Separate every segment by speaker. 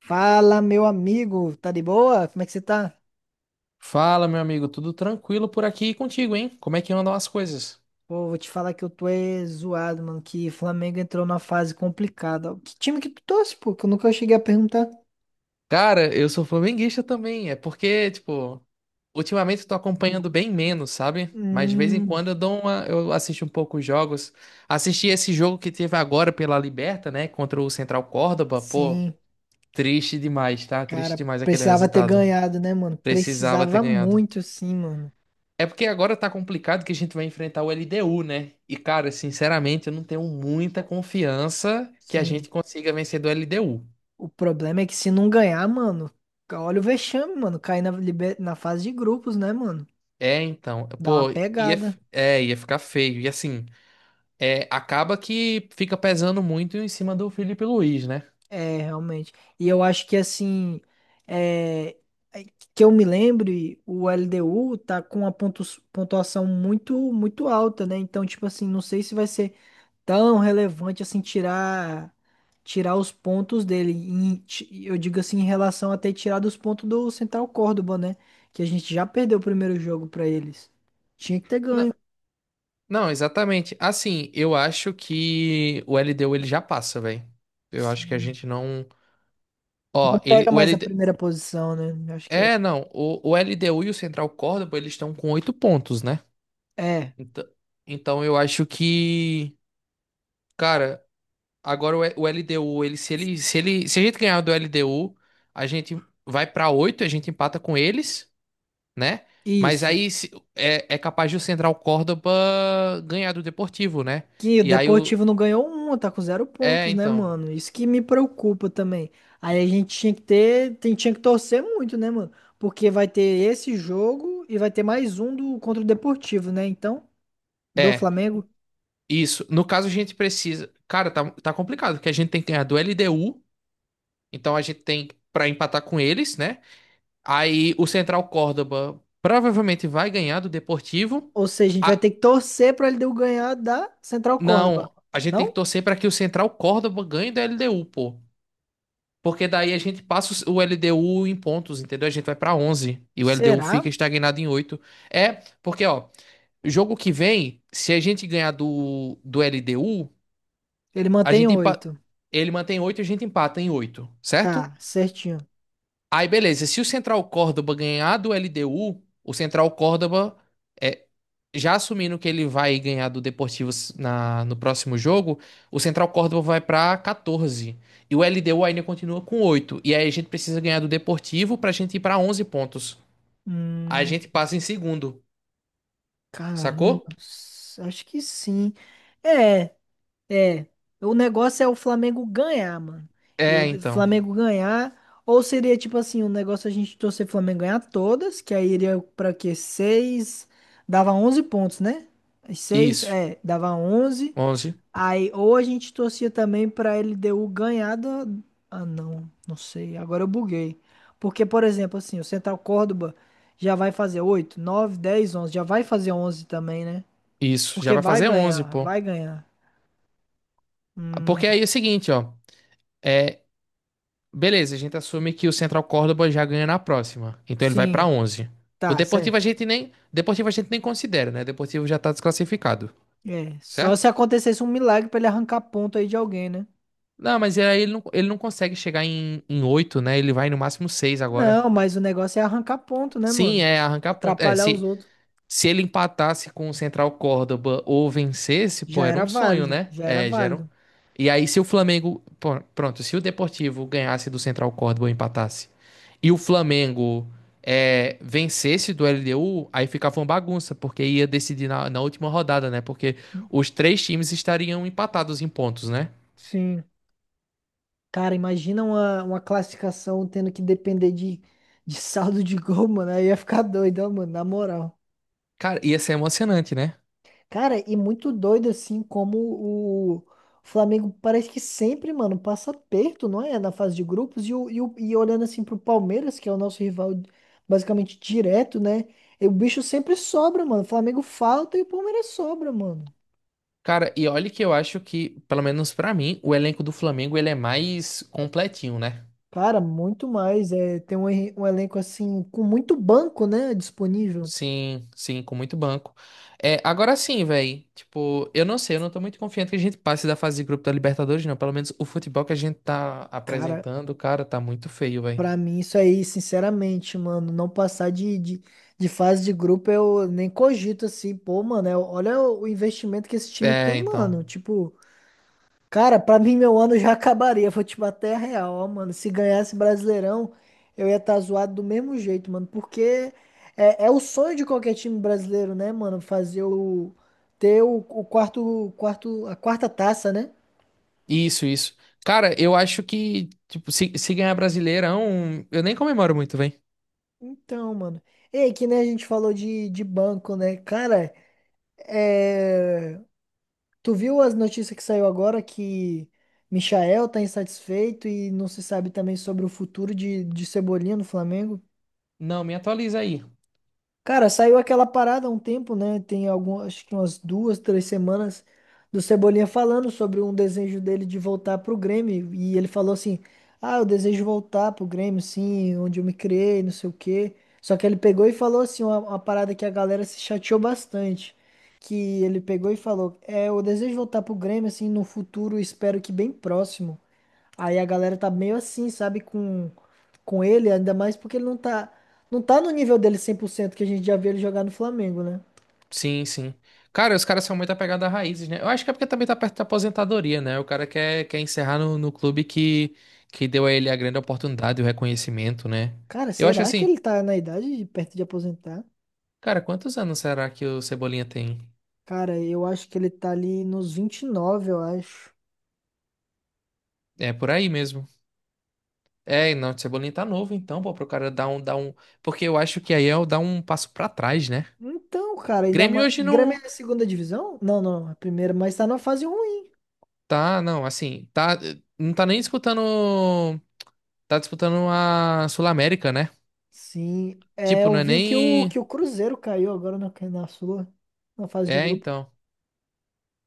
Speaker 1: Fala, meu amigo, tá de boa? Como é que você tá?
Speaker 2: Fala, meu amigo, tudo tranquilo por aqui e contigo, hein? Como é que andam as coisas?
Speaker 1: Pô, vou te falar que eu tô é zoado, mano, que o Flamengo entrou numa fase complicada. Que time que tu torce, pô? Que eu nunca cheguei a perguntar.
Speaker 2: Cara, eu sou flamenguista também. É porque, tipo, ultimamente eu tô acompanhando bem menos, sabe? Mas de vez em
Speaker 1: Hum,
Speaker 2: quando eu assisto um pouco os jogos. Assisti esse jogo que teve agora pela Liberta, né? Contra o Central Córdoba. Pô,
Speaker 1: sim,
Speaker 2: triste demais, tá? Triste
Speaker 1: cara,
Speaker 2: demais aquele
Speaker 1: precisava ter
Speaker 2: resultado.
Speaker 1: ganhado, né, mano?
Speaker 2: Precisava ter
Speaker 1: Precisava
Speaker 2: ganhado.
Speaker 1: muito, sim, mano.
Speaker 2: É porque agora tá complicado que a gente vai enfrentar o LDU, né? E, cara, sinceramente, eu não tenho muita confiança que a
Speaker 1: Sim.
Speaker 2: gente consiga vencer do LDU.
Speaker 1: O problema é que se não ganhar, mano, olha o vexame, mano, cair na, na fase de grupos, né, mano?
Speaker 2: É, então,
Speaker 1: Dá uma
Speaker 2: pô, ia, f-
Speaker 1: pegada.
Speaker 2: é, ia ficar feio. E assim, acaba que fica pesando muito em cima do Felipe Luiz, né?
Speaker 1: É, realmente. E eu acho que assim, é, é, que eu me lembre, o LDU tá com uma pontuação muito muito alta, né? Então, tipo assim, não sei se vai ser tão relevante assim tirar tirar os pontos dele. Eu digo assim, em relação a ter tirado os pontos do Central Córdoba, né? Que a gente já perdeu o primeiro jogo pra eles. Tinha que ter
Speaker 2: Não,
Speaker 1: ganho.
Speaker 2: não, exatamente. Assim, eu acho que o LDU ele já passa, velho. Eu acho que a
Speaker 1: Sim.
Speaker 2: gente não.
Speaker 1: Não
Speaker 2: Ó,
Speaker 1: pega
Speaker 2: o
Speaker 1: mais a
Speaker 2: LD...
Speaker 1: primeira posição, né? Eu acho que é.
Speaker 2: É, não, o LDU e o Central Córdoba, eles estão com 8 pontos, né?
Speaker 1: É,
Speaker 2: Então, então, eu acho que, cara, agora o LDU, ele se a gente ganhar do LDU, a gente vai pra 8, a gente empata com eles, né? Mas
Speaker 1: isso.
Speaker 2: aí é capaz de o Central Córdoba ganhar do Deportivo, né?
Speaker 1: Que o
Speaker 2: E aí o
Speaker 1: Deportivo não ganhou uma, tá com zero
Speaker 2: é,
Speaker 1: pontos, né,
Speaker 2: então,
Speaker 1: mano? Isso que me preocupa também. Aí a gente tinha que ter, tinha que torcer muito, né, mano? Porque vai ter esse jogo e vai ter mais um do contra o Deportivo, né? Então, do
Speaker 2: é,
Speaker 1: Flamengo.
Speaker 2: isso. No caso a gente precisa, cara, tá complicado, porque a gente tem que ganhar do LDU, então a gente tem pra empatar com eles, né? Aí o Central Córdoba provavelmente vai ganhar do Deportivo.
Speaker 1: Ou seja, a gente vai ter
Speaker 2: Ah,
Speaker 1: que torcer pra ele deu ganhar da Central Córdoba.
Speaker 2: não, a gente tem que
Speaker 1: Não?
Speaker 2: torcer para que o Central Córdoba ganhe da LDU, pô. Porque daí a gente passa o LDU em pontos, entendeu? A gente vai para 11 e o LDU fica
Speaker 1: Será?
Speaker 2: estagnado em 8. É, porque ó, jogo que vem, se a gente ganhar do LDU,
Speaker 1: Ele
Speaker 2: a
Speaker 1: mantém
Speaker 2: gente empa-
Speaker 1: oito.
Speaker 2: ele mantém 8 e a gente empata em 8, certo?
Speaker 1: Tá, certinho.
Speaker 2: Aí beleza, se o Central Córdoba ganhar do LDU, o Central Córdoba é já assumindo que ele vai ganhar do Deportivo no próximo jogo, o Central Córdoba vai pra 14. E o LDU ainda continua com 8. E aí a gente precisa ganhar do Deportivo pra gente ir pra 11 pontos. Aí a
Speaker 1: Hum,
Speaker 2: gente passa em segundo, sacou?
Speaker 1: caramba, acho que sim. É. É, o negócio é o Flamengo ganhar, mano. E
Speaker 2: É,
Speaker 1: o
Speaker 2: então.
Speaker 1: Flamengo ganhar, ou seria tipo assim, o negócio é a gente torcer o Flamengo ganhar todas, que aí iria pra quê? Seis, dava 11 pontos, né? Seis,
Speaker 2: Isso.
Speaker 1: é, dava onze.
Speaker 2: 11.
Speaker 1: Aí, ou a gente torcia também pra LDU ganhar da... Ah, não, não sei, agora eu buguei. Porque, por exemplo, assim, o Central Córdoba já vai fazer 8, 9, 10, 11, já vai fazer 11 também, né?
Speaker 2: Isso. Já
Speaker 1: Porque
Speaker 2: vai
Speaker 1: vai
Speaker 2: fazer 11,
Speaker 1: ganhar,
Speaker 2: pô.
Speaker 1: vai ganhar. Hum,
Speaker 2: Porque aí é o seguinte, ó. É, beleza, a gente assume que o Central Córdoba já ganha na próxima. Então ele vai pra
Speaker 1: sim.
Speaker 2: 11. O
Speaker 1: Tá,
Speaker 2: Deportivo a
Speaker 1: certo.
Speaker 2: gente nem, Deportivo a gente nem considera, né? O Deportivo já tá desclassificado,
Speaker 1: É, só
Speaker 2: certo?
Speaker 1: se acontecesse um milagre pra ele arrancar ponto aí de alguém, né?
Speaker 2: Não, mas aí ele não consegue chegar em 8, né? Ele vai no máximo 6 agora.
Speaker 1: Não, mas o negócio é arrancar ponto, né,
Speaker 2: Sim,
Speaker 1: mano?
Speaker 2: é arrancar ponto. É,
Speaker 1: Atrapalhar os
Speaker 2: se,
Speaker 1: outros.
Speaker 2: se ele empatasse com o Central Córdoba ou vencesse, pô,
Speaker 1: Já
Speaker 2: era
Speaker 1: era
Speaker 2: um sonho,
Speaker 1: válido,
Speaker 2: né?
Speaker 1: já era
Speaker 2: É, Geron.
Speaker 1: válido.
Speaker 2: E aí, se o Flamengo. Pô, Pronto, se o Deportivo ganhasse do Central Córdoba ou empatasse, e o Flamengo vencesse do LDU, aí ficava uma bagunça, porque ia decidir na última rodada, né? Porque os três times estariam empatados em pontos, né?
Speaker 1: Sim. Cara, imagina uma classificação tendo que depender de saldo de gol, mano. Aí ia ficar doido, ó, mano, na moral.
Speaker 2: Cara, ia ser emocionante, né?
Speaker 1: Cara, e muito doido assim como o Flamengo parece que sempre, mano, passa perto, não é? Na fase de grupos e olhando assim pro Palmeiras, que é o nosso rival basicamente direto, né? E o bicho sempre sobra, mano. O Flamengo falta e o Palmeiras sobra, mano.
Speaker 2: Cara, e olha que eu acho que, pelo menos pra mim, o elenco do Flamengo ele é mais completinho, né?
Speaker 1: Cara, muito mais. É, tem um, um elenco assim com muito banco, né? Disponível.
Speaker 2: Sim, sim, com muito banco. É, agora sim, velho. Tipo, eu não sei, eu não tô muito confiante que a gente passe da fase de grupo da Libertadores, não. Pelo menos o futebol que a gente tá
Speaker 1: Cara,
Speaker 2: apresentando, cara, tá muito feio, velho.
Speaker 1: pra mim, isso aí, sinceramente, mano, não passar de fase de grupo, eu nem cogito assim, pô, mano, olha o investimento que esse time
Speaker 2: É,
Speaker 1: tem,
Speaker 2: então.
Speaker 1: mano. Tipo, cara, pra mim, meu ano já acabaria, vou te bater a real, ó, mano. Se ganhasse Brasileirão, eu ia estar zoado do mesmo jeito, mano, porque é o sonho de qualquer time brasileiro, né, mano, fazer o, ter o, a quarta taça, né?
Speaker 2: Isso, isso. Cara, eu acho que, tipo, se ganhar Brasileirão, eu nem comemoro muito, velho.
Speaker 1: Então, mano. E aí, que nem a gente falou de banco, né? Cara. É, tu viu as notícias que saiu agora que Michael tá insatisfeito e não se sabe também sobre o futuro de Cebolinha no Flamengo?
Speaker 2: Não, me atualiza aí.
Speaker 1: Cara, saiu aquela parada há um tempo, né? Tem algumas, acho que umas duas, três semanas do Cebolinha falando sobre um desejo dele de voltar pro Grêmio. E ele falou assim: Ah, eu desejo voltar pro Grêmio, sim, onde eu me criei, não sei o quê. Só que ele pegou e falou assim: uma parada que a galera se chateou bastante. Que ele pegou e falou: É, eu desejo voltar pro Grêmio, assim, no futuro, espero que bem próximo. Aí a galera tá meio assim, sabe, com ele, ainda mais porque ele não tá, não tá no nível dele 100% que a gente já viu ele jogar no Flamengo, né?
Speaker 2: Sim, sim. Cara, os caras são muito apegados a raízes, né? Eu acho que é porque também tá perto da aposentadoria, né? O cara quer encerrar no clube que deu a ele a grande oportunidade e o reconhecimento, né?
Speaker 1: Cara,
Speaker 2: Eu acho
Speaker 1: será que
Speaker 2: assim,
Speaker 1: ele tá na idade de perto de aposentar?
Speaker 2: cara, quantos anos será que o Cebolinha tem?
Speaker 1: Cara, eu acho que ele tá ali nos 29, eu acho.
Speaker 2: É por aí mesmo. É, e não, o Cebolinha tá novo, então, pô, pro cara dar um. Porque eu acho que aí é o dar um passo pra trás, né?
Speaker 1: Então, cara, ainda
Speaker 2: Grêmio
Speaker 1: mais.
Speaker 2: hoje
Speaker 1: Grêmio
Speaker 2: não.
Speaker 1: é a segunda divisão? Não, não, é a primeira, mas tá na fase ruim.
Speaker 2: Tá, não, assim, tá. Não tá nem disputando. Tá disputando a Sul-América, né?
Speaker 1: Sim, é,
Speaker 2: Tipo,
Speaker 1: eu
Speaker 2: não é
Speaker 1: vi
Speaker 2: nem.
Speaker 1: que o Cruzeiro caiu agora na, na Sula, na fase de
Speaker 2: É,
Speaker 1: grupo.
Speaker 2: então.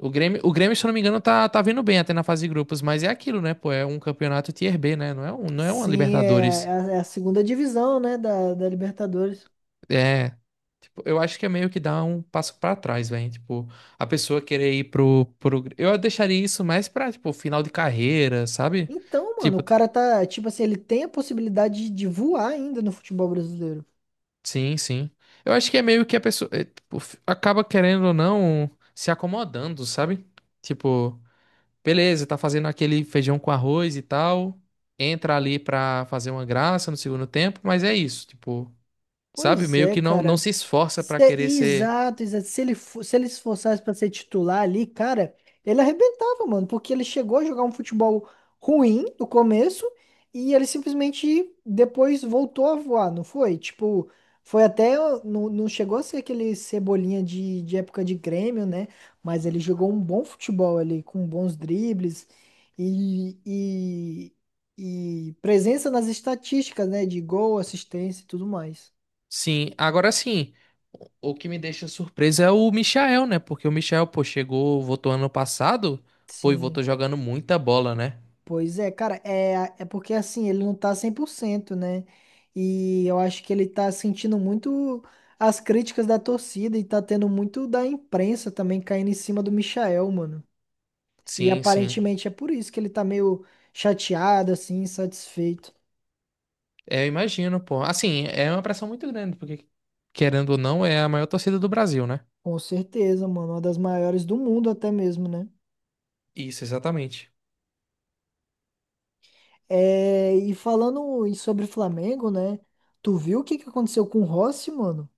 Speaker 2: O Grêmio, se eu não me engano, tá vindo bem até na fase de grupos, mas é aquilo, né, pô? É um campeonato Tier B, né? Não é uma
Speaker 1: Sim, é,
Speaker 2: Libertadores.
Speaker 1: é a segunda divisão, né, da, da Libertadores.
Speaker 2: É. Tipo, eu acho que é meio que dar um passo pra trás, velho. Tipo, a pessoa querer ir pro, pro. Eu deixaria isso mais pra, tipo, final de carreira, sabe?
Speaker 1: Então, mano, o
Speaker 2: Tipo,
Speaker 1: cara tá, tipo assim, ele tem a possibilidade de voar ainda no futebol brasileiro.
Speaker 2: sim, sim. Eu acho que é meio que a pessoa é, tipo, acaba querendo ou não se acomodando, sabe? Tipo. Beleza, tá fazendo aquele feijão com arroz e tal. Entra ali pra fazer uma graça no segundo tempo, mas é isso, tipo, sabe?
Speaker 1: Pois
Speaker 2: Meio
Speaker 1: é,
Speaker 2: que não
Speaker 1: cara.
Speaker 2: se esforça pra querer ser.
Speaker 1: Exato, exato. Se ele, se ele se esforçasse pra ser titular ali, cara, ele arrebentava, mano, porque ele chegou a jogar um futebol ruim no começo e ele simplesmente depois voltou a voar, não foi? Tipo, foi até. Não, não chegou a ser aquele cebolinha de época de Grêmio, né? Mas ele jogou um bom futebol ali, com bons dribles e, e, e presença nas estatísticas, né? De gol, assistência e tudo mais.
Speaker 2: Sim, agora sim. O que me deixa surpreso é o Michael, né? Porque o Michael, pô, chegou, votou ano passado, pô, e
Speaker 1: Sim,
Speaker 2: votou jogando muita bola, né?
Speaker 1: pois é, cara, é, é porque assim, ele não tá 100% né? E eu acho que ele tá sentindo muito as críticas da torcida e tá tendo muito da imprensa também caindo em cima do Michael, mano. E
Speaker 2: Sim, sim.
Speaker 1: aparentemente é por isso que ele tá meio chateado, assim, insatisfeito.
Speaker 2: É, eu imagino, pô. Assim, é uma pressão muito grande, porque, querendo ou não, é a maior torcida do Brasil, né?
Speaker 1: Com certeza, mano, uma das maiores do mundo até mesmo, né?
Speaker 2: Isso, exatamente.
Speaker 1: É, e falando sobre Flamengo, né? Tu viu o que que aconteceu com o Rossi, mano?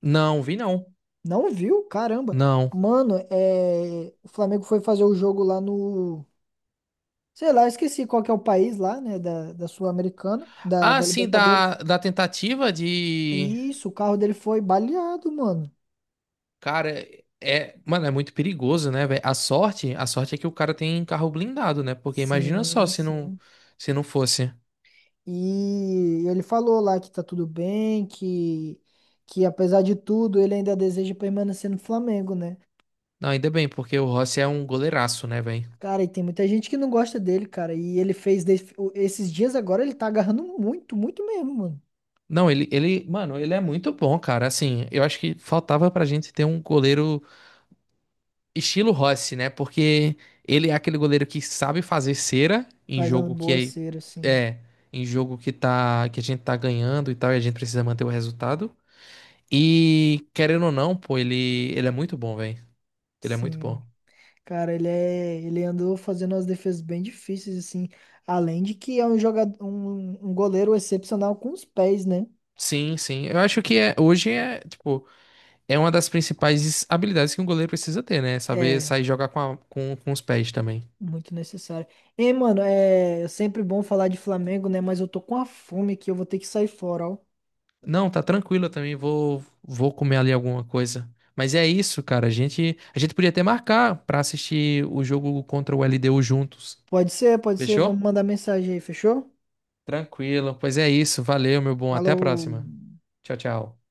Speaker 2: Não, vi não.
Speaker 1: Não viu? Caramba.
Speaker 2: Não.
Speaker 1: Mano, é... o Flamengo foi fazer o jogo lá no. Sei lá, esqueci qual que é o país lá, né? Da, da Sul-Americana, da,
Speaker 2: Ah,
Speaker 1: da
Speaker 2: sim, da,
Speaker 1: Libertadores.
Speaker 2: da tentativa de.
Speaker 1: Isso, o carro dele foi baleado, mano.
Speaker 2: Cara, é. Mano, é muito perigoso, né, velho? A sorte é que o cara tem carro blindado, né? Porque imagina só
Speaker 1: Sim, sim.
Speaker 2: se não fosse.
Speaker 1: E ele falou lá que tá tudo bem, que apesar de tudo, ele ainda deseja permanecer no Flamengo, né?
Speaker 2: Não, ainda bem, porque o Rossi é um goleiraço, né, velho?
Speaker 1: Cara, e tem muita gente que não gosta dele, cara. E ele fez esses dias agora, ele tá agarrando muito, muito mesmo, mano.
Speaker 2: Não, mano, ele é muito bom, cara. Assim, eu acho que faltava pra gente ter um goleiro estilo Rossi, né? Porque ele é aquele goleiro que sabe fazer cera em
Speaker 1: Faz uma
Speaker 2: jogo
Speaker 1: boa
Speaker 2: que
Speaker 1: cera, assim.
Speaker 2: é, é em jogo que a gente tá ganhando e tal, e a gente precisa manter o resultado. E querendo ou não, pô, ele é muito bom, velho. Ele é muito
Speaker 1: Sim,
Speaker 2: bom.
Speaker 1: cara, ele é, ele andou fazendo umas defesas bem difíceis assim, além de que é um jogador, um goleiro excepcional com os pés, né?
Speaker 2: Sim, sim. Eu acho que hoje é uma das principais habilidades que um goleiro precisa ter, né? Saber
Speaker 1: É,
Speaker 2: sair e jogar com os pés também.
Speaker 1: muito necessário. Ei, mano, é sempre bom falar de Flamengo, né? Mas eu tô com a fome aqui, eu vou ter que sair fora, ó.
Speaker 2: Não, tá tranquilo, eu também vou comer ali alguma coisa. Mas é isso, cara. A gente podia até marcar pra assistir o jogo contra o LDU juntos.
Speaker 1: Pode ser, vamos
Speaker 2: Fechou?
Speaker 1: mandar mensagem aí, fechou?
Speaker 2: Tranquilo. Pois é isso. Valeu, meu bom. Até a
Speaker 1: Falou.
Speaker 2: próxima. Tchau, tchau.